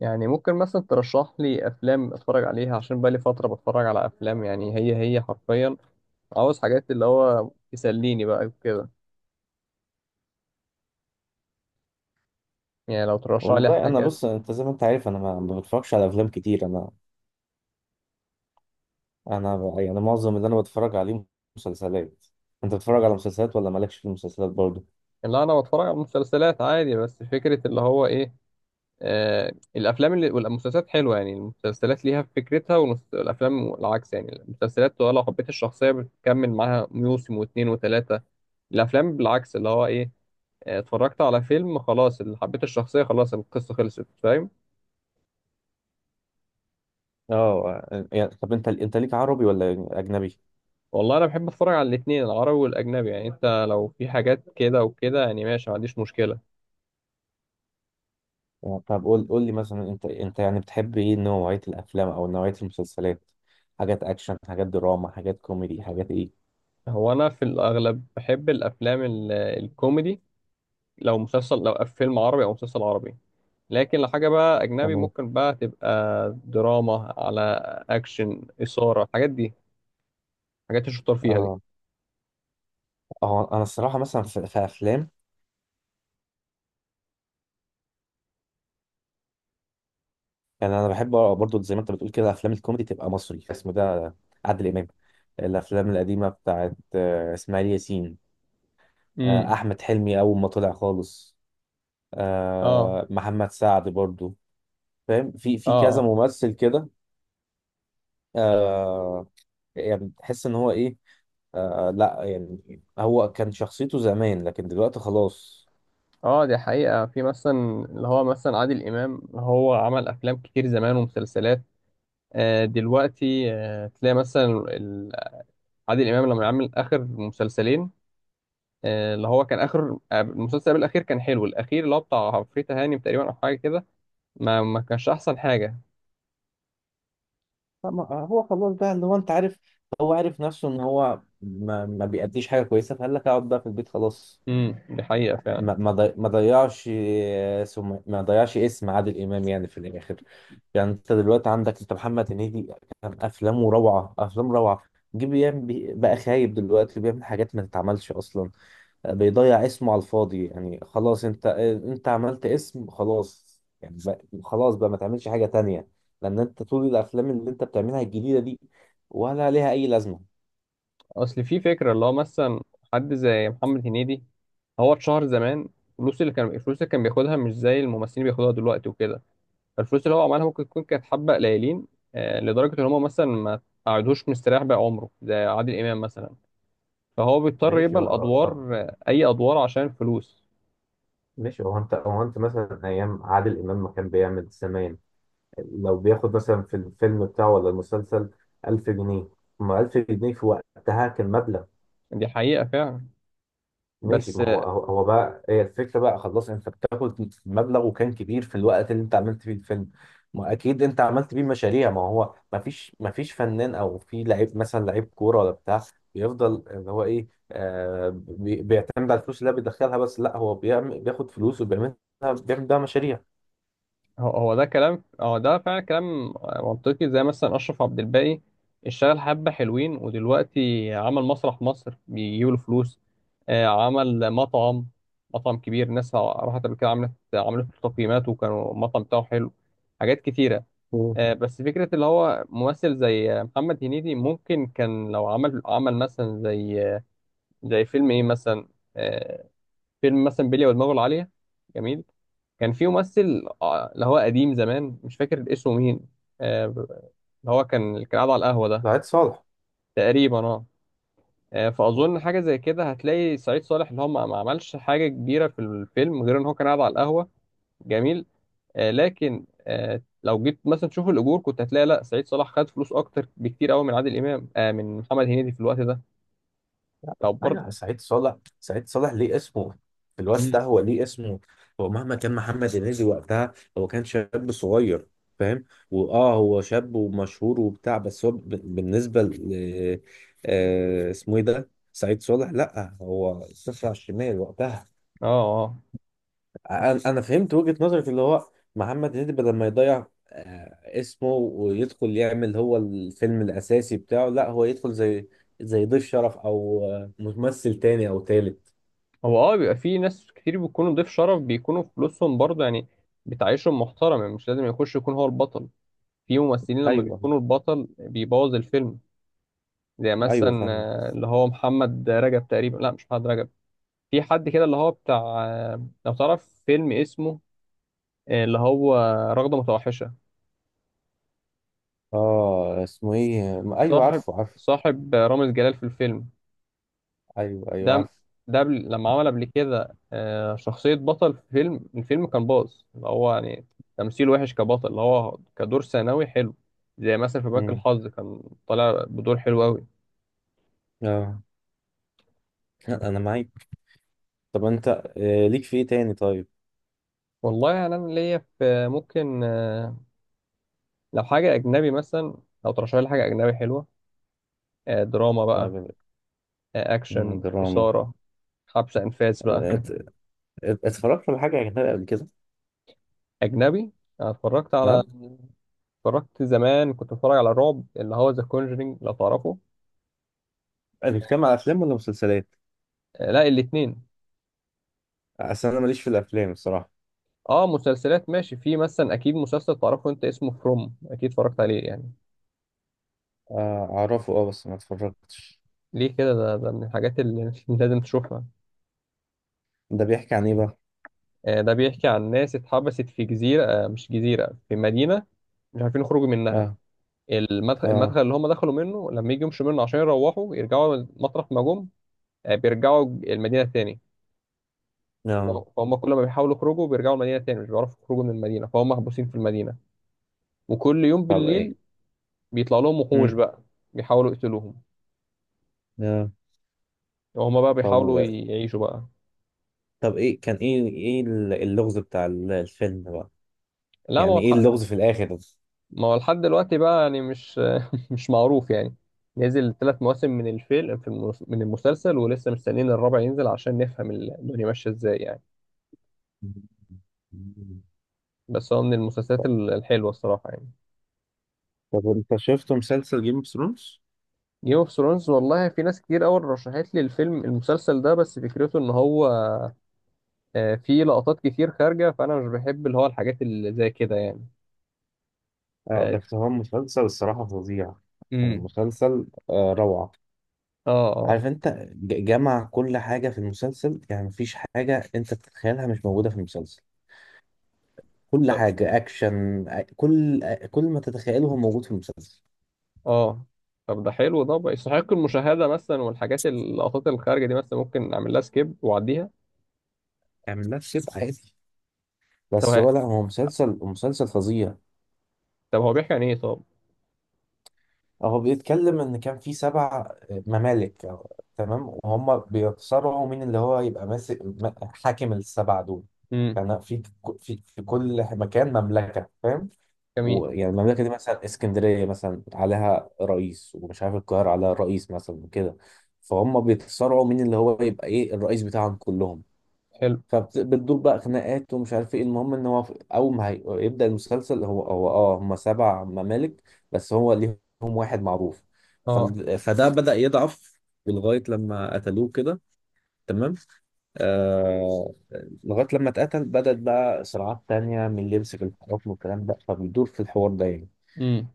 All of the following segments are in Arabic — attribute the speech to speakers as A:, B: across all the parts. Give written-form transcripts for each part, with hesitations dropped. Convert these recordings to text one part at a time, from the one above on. A: يعني ممكن مثلا ترشح لي افلام اتفرج عليها عشان بقالي فتره بتفرج على افلام، يعني هي حرفيا. عاوز حاجات اللي هو تسليني بقى وكده. يعني لو ترشح لي
B: والله انا
A: حاجات.
B: بص، انت زي ما انت عارف انا ما بتفرجش على افلام كتير. انا يعني معظم اللي انا بتفرج عليه مسلسلات. انت بتتفرج على مسلسلات ولا مالكش في المسلسلات برضه؟
A: لا انا بتفرج على مسلسلات عادي. بس فكره اللي هو ايه. آه الافلام والمسلسلات حلوه. يعني المسلسلات ليها فكرتها، والافلام العكس. يعني المسلسلات لو حبيت الشخصيه بتكمل معاها موسم واتنين وتلاته. الافلام بالعكس اللي هو ايه. اتفرجت على فيلم خلاص، اللي حبيت الشخصيه خلاص، القصه خلصت، فاهم.
B: اه يعني، طب انت ليك عربي ولا اجنبي؟
A: والله انا بحب اتفرج على الاثنين، العربي والاجنبي. يعني انت لو في حاجات كده وكده يعني ماشي، ما عنديش مشكله.
B: يعني طب قول لي مثلا، انت يعني بتحب ايه، نوعية الافلام او نوعية المسلسلات؟ حاجات اكشن، حاجات دراما، حاجات كوميدي، حاجات ايه؟
A: هو انا في الاغلب بحب الافلام الكوميدي، لو مسلسل لو فيلم عربي او مسلسل عربي. لكن لو حاجه بقى اجنبي
B: تمام.
A: ممكن بقى تبقى دراما، على اكشن، اثاره، الحاجات دي، الحاجات الشطار فيها دي.
B: اه. اه انا الصراحة مثلا في افلام، يعني انا بحب برضو زي ما انت بتقول كده افلام الكوميدي، تبقى مصري اسمه ده، عادل امام. الافلام القديمه بتاعت اسماعيل ياسين،
A: امم.
B: احمد حلمي اول ما طلع خالص،
A: اه.
B: محمد سعد برضو. فاهم، في
A: اه.
B: كذا ممثل كده. آه، يعني تحس ان هو ايه. لا يعني هو كان شخصيته زمان لكن دلوقتي خلاص.
A: اه. دي حقيقة، في مثلا اللي هو مثلا عادل إمام هو عمل أفلام كتير زمان ومسلسلات. دلوقتي تلاقي مثلا عادل امام لما عمل اخر مسلسلين، اللي هو كان اخر المسلسل قبل الاخير كان حلو. الاخير اللي هو بتاع عفريت هانم تقريبا او حاجه كده، ما كانش احسن حاجه.
B: هو خلاص بقى اللي هو انت عارف، هو عارف نفسه ان هو ما بيأديش حاجه كويسه، فقال لك اقعد بقى في البيت خلاص.
A: امم، دي حقيقه فعلا.
B: ما ما ضي- ما ضيعش، ما ضيعش اسم عادل امام يعني في الاخر. يعني انت دلوقتي عندك انت، محمد هنيدي، كان افلامه روعه، افلام روعه. جه بقى خايب، دلوقتي بيعمل حاجات ما تتعملش اصلا، بيضيع اسمه على الفاضي. يعني خلاص، انت عملت اسم، خلاص يعني بقى، خلاص بقى ما تعملش حاجه تانية، لان انت طول الافلام اللي انت بتعملها الجديده دي ولا ليها اي لازمه.
A: اصل في فكره اللي هو مثلا، حد زي محمد هنيدي، هو اتشهر زمان. الفلوس اللي كان بياخدها مش زي الممثلين بياخدوها دلوقتي وكده. فالفلوس اللي هو عملها ممكن تكون كانت حبه قليلين، لدرجه ان هم مثلا ما قعدوش مستريح بقى عمره زي عادل امام مثلا. فهو بيضطر
B: ماشي
A: يبقى
B: بقى. طب
A: الادوار اي ادوار عشان الفلوس.
B: ماشي، هو انت هو انت مثلا ايام عادل امام ما كان بيعمل سمان، لو بياخد مثلا في الفيلم بتاعه ولا المسلسل 1000 جنيه، ما 1000 جنيه في وقتها كان مبلغ.
A: دي حقيقة فعلا.
B: ماشي،
A: بس
B: ما هو بقى، هي الفكرة بقى خلاص، انت بتاخد مبلغ وكان كبير في الوقت اللي انت عملت فيه الفيلم، ما اكيد انت عملت بيه مشاريع. ما هو ما فيش فنان او في لعيب، مثلا لعيب كورة ولا بتاع، بيفضل اللي هو ايه، آه بيعتمد على الفلوس اللي هو بيدخلها بس. لا هو بيعمل، بياخد فلوس وبيعملها، بيعمل بيها مشاريع.
A: هو ده فعلا كلام منطقي. زي مثلا أشرف عبد الباقي، اشتغل حبة حلوين، ودلوقتي عمل مسرح مصر بيجيب له فلوس. عمل مطعم، مطعم كبير، ناس راحت قبل كده عملت له تقييمات وكانوا المطعم بتاعه حلو. حاجات كتيرة.
B: مم.
A: بس فكرة اللي هو ممثل زي محمد هنيدي ممكن كان لو عمل مثلا زي فيلم ايه مثلا. آه، فيلم مثلا بلية ودماغه العالية. جميل. كان في ممثل اللي هو قديم زمان مش فاكر اسمه مين. اللي هو كان اللي كان قاعد على القهوة ده.
B: سعيد صالح.
A: تقريبا اه. فأظن حاجة زي كده هتلاقي سعيد صالح اللي هو ما عملش حاجة كبيرة في الفيلم غير إن هو كان قاعد على القهوة. جميل. لكن لو جيت مثلا تشوف الأجور كنت هتلاقي لا، سعيد صالح خد فلوس أكتر بكتير أوي من عادل إمام من محمد هنيدي في الوقت ده. طب برضه.
B: ايوه سعيد صالح، سعيد صالح ليه اسمه في الوقت ده،
A: مم.
B: هو ليه اسمه. هو مهما كان محمد هنيدي وقتها، هو كان شاب صغير، فاهم، واه هو شاب ومشهور وبتاع، بس هو بالنسبه ل اسمه ايه ده، سعيد صالح، لا هو صفر على الشمال وقتها.
A: اه. اه.
B: انا فهمت وجهه نظرك، اللي هو محمد هنيدي بدل ما يضيع اسمه ويدخل يعمل هو الفيلم الاساسي بتاعه، لا هو يدخل زي ضيف شرف او ممثل تاني او تالت.
A: هو بيبقى في ناس كتير بيكونوا ضيف شرف بيكونوا فلوسهم برضه يعني بتعيشهم محترم. يعني مش لازم يخش يكون هو البطل. في ممثلين لما
B: ايوه
A: بيكونوا البطل بيبوظ الفيلم. زي
B: ايوه
A: مثلا
B: فاهم.
A: اللي هو محمد رجب تقريبا، لا مش محمد رجب. في حد كده اللي هو بتاع لو تعرف فيلم اسمه اللي هو رغدة متوحشة.
B: اه اسمه ايه ايوه،
A: صاحب
B: عارفه.
A: صاحب رامز جلال في الفيلم
B: ايوه
A: ده.
B: عارفه.
A: ده لما عمل قبل كده شخصية بطل في الفيلم كان باظ، اللي هو يعني تمثيل وحش كبطل، اللي هو كدور ثانوي حلو. زي مثلا في بنك
B: امم.
A: الحظ كان طالع بدور حلو أوي.
B: اه. لا، انا معاك. طب انت ليك في ايه تاني طيب؟
A: والله يعني أنا ليا في ممكن لو حاجة أجنبي مثلا. لو ترشح لي حاجة أجنبي حلوة، دراما بقى،
B: طيب. مم،
A: أكشن،
B: دراما.
A: إثارة، حبس أنفاس بقى.
B: آه، ات- اتفرجت على حاجه اجنبيه قبل كده؟
A: أجنبي. أنا
B: اه،
A: اتفرجت زمان، كنت بتفرج على الرعب اللي هو ذا كونجرينج لو تعرفه.
B: بتتكلم على افلام ولا مسلسلات؟
A: لا، الاتنين.
B: اصل انا ماليش في الافلام الصراحه.
A: اه، مسلسلات ماشي. في مثلا اكيد مسلسل تعرفه انت اسمه فروم، اكيد اتفرجت عليه يعني.
B: اعرفه اه بس ما اتفرجتش.
A: ليه كده؟ ده من الحاجات اللي لازم تشوفها.
B: ده بيحكي عن ايه بقى؟
A: آه ده بيحكي عن ناس اتحبست في جزيرة، مش جزيرة، في مدينة، مش عارفين يخرجوا منها.
B: اه. اه.
A: المدخل اللي هم دخلوا منه لما يجي يمشوا منه عشان يروحوا يرجعوا مطرح ما جم، بيرجعوا المدينة تاني.
B: اه.
A: فهم كل ما بيحاولوا يخرجوا بيرجعوا المدينة تاني، مش بيعرفوا يخرجوا من المدينة، فهم محبوسين في المدينة. وكل يوم
B: طب ايه.
A: بالليل بيطلع لهم وحوش
B: امم.
A: بقى بيحاولوا يقتلوهم،
B: اه.
A: وهم بقى
B: طب
A: بيحاولوا
B: و-
A: يعيشوا بقى.
B: طب ايه كان ايه اللغز بتاع الفيلم بقى،
A: لا،
B: يعني ايه اللغز في الاخر ده؟
A: ما هو لحد دلوقتي بقى يعني مش مش معروف يعني. نزل 3 مواسم من المسلسل، ولسه مستنيين الرابع ينزل عشان نفهم الدنيا ماشيه ازاي يعني. بس هو من المسلسلات الحلوه الصراحه يعني.
B: طب انت شفت مسلسل جيم اوف ثرونز؟
A: جيم اوف ثرونز؟ والله في ناس كتير قوي رشحت لي المسلسل ده، بس فكرته ان هو فيه لقطات كتير خارجه فانا مش بحب اللي هو الحاجات اللي زي كده يعني.
B: اه
A: ف...
B: بس هو مسلسل الصراحة فظيع، يعني
A: امم.
B: المسلسل آه روعة.
A: اه. اه.
B: عارف انت، جمع كل حاجة في المسلسل، يعني مفيش حاجة انت تتخيلها مش موجودة في المسلسل. كل حاجة اكشن، كل ما تتخيله هو موجود في المسلسل.
A: اه. طب ده حلو، ده بقى يستحق المشاهدة مثلا. والحاجات، اللقطات الخارجة دي، مثلا ممكن أعمل لها سكيب وأعديها.
B: اعمل نفس كده عادي.
A: طب
B: بس
A: ه-
B: هو لا، هو مسلسل فظيع.
A: طب هو بيحكي عن إيه طب؟
B: هو بيتكلم ان كان في سبع ممالك، تمام، وهم بيتصارعوا مين اللي هو يبقى ماسك حاكم السبع دول.
A: امم.
B: كان في كل مكان مملكة، فاهم،
A: جميل.
B: ويعني المملكة دي مثلا اسكندرية مثلا عليها رئيس، ومش عارف القاهرة عليها رئيس مثلا وكده، فهم بيتصارعوا مين اللي هو يبقى ايه الرئيس بتاعهم كلهم.
A: حلو.
B: فبتدور بقى خناقات ومش عارف ايه. المهم ان هو في- اول ما هي- يبدأ المسلسل، هو اه هم سبع ممالك بس هو ليهم واحد معروف.
A: اه.
B: فده بدأ يضعف لغاية لما قتلوه كده، تمام. آه، لغاية لما اتقتل بدأت بقى صراعات تانية من اللي يمسك الحكم والكلام ده، فبيدور في الحوار ده يعني.
A: امم.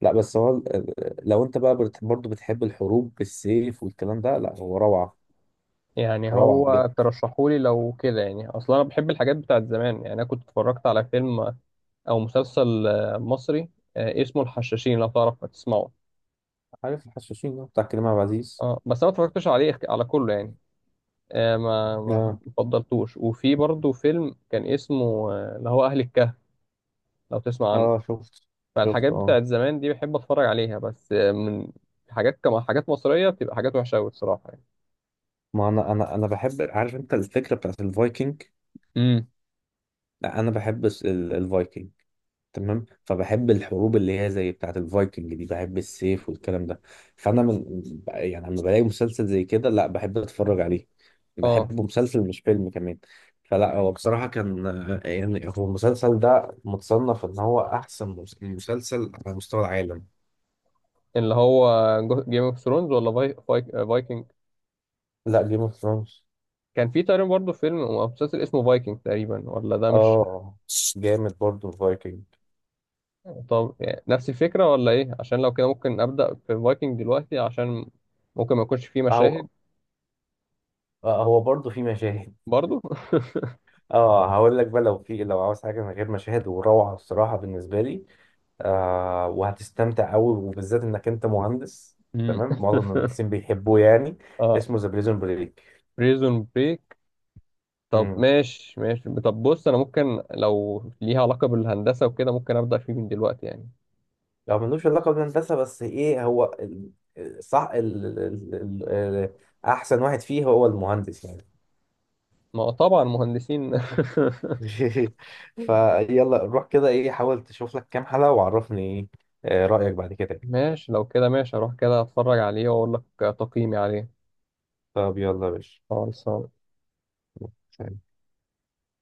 B: لا بس هو لو انت بقى برضه بتحب الحروب بالسيف والكلام ده، لا هو روعة،
A: يعني
B: روعة
A: هو
B: بجد.
A: ترشحولي لو كده. يعني أصلا أنا بحب الحاجات بتاعت زمان. يعني أنا كنت اتفرجت على فيلم أو مسلسل مصري، اسمه الحشاشين لو تعرف تسمعه.
B: عارف الحشاشين، ده بتاع كريم عبد العزيز.
A: اه، بس أنا ما اتفرجتش عليه على كله يعني. ما فضلتوش. وفي برضه فيلم كان اسمه اللي هو أهل الكهف، لو تسمع عنه.
B: اه شفت، شفت
A: فالحاجات
B: اه.
A: بتاعت زمان دي بحب اتفرج عليها، بس من حاجات مصرية بتبقى حاجات وحشة أوي الصراحة يعني.
B: ما انا بحب، عارف انت الفكره بتاعت الفايكنج،
A: امم.
B: لا، انا بحب الفايكنج، تمام، فبحب الحروب اللي هي زي بتاعت الفايكنج دي، بحب السيف والكلام ده. فانا من، يعني لما بلاقي مسلسل زي كده لا بحب اتفرج عليه.
A: اه.
B: بحبه مسلسل مش فيلم كمان. فلا هو بصراحه كان، يعني هو المسلسل ده متصنف ان هو احسن مسلسل على مستوى العالم.
A: اللي هو جيم اوف ثرونز ولا فايكنج؟
B: لا، جيم اوف ثرونز.
A: كان في تقريبا برضه فيلم او مسلسل اسمه فايكنج تقريبا، ولا ده مش؟
B: اه جامد برضه الفايكنج.
A: طب يعني نفس الفكرة ولا ايه؟ عشان لو كده ممكن أبدأ في فايكنج دلوقتي، عشان ممكن ما يكونش فيه مشاهد.
B: آه هو برضه في مشاهد.
A: برضه.
B: اه هقول لك بقى، لو في، لو عاوز حاجه من غير مشاهد وروعه الصراحه بالنسبه لي، آه وهتستمتع قوي، وبالذات انك انت مهندس،
A: امم.
B: تمام، معظم المهندسين بيحبوه يعني.
A: اه.
B: اسمه ذا بريزون بريك.
A: بريزون بريك؟ طب
B: امم.
A: ماشي ماشي. طب بص، انا ممكن لو ليها علاقة بالهندسة وكده ممكن أبدأ فيه من دلوقتي يعني.
B: لو ملوش علاقه بالهندسه بس، ايه هو صح ال... ال... ال... ال... احسن واحد فيه هو المهندس يعني.
A: ما هو طبعا مهندسين
B: فيلا روح كده، ايه حاول تشوف لك كام حلقه وعرفني ايه رايك بعد كده.
A: ماشي، لو كده ماشي، اروح كده اتفرج عليه واقول لك تقييمي عليه.
B: طب يلا يا باشا.
A: خلاص.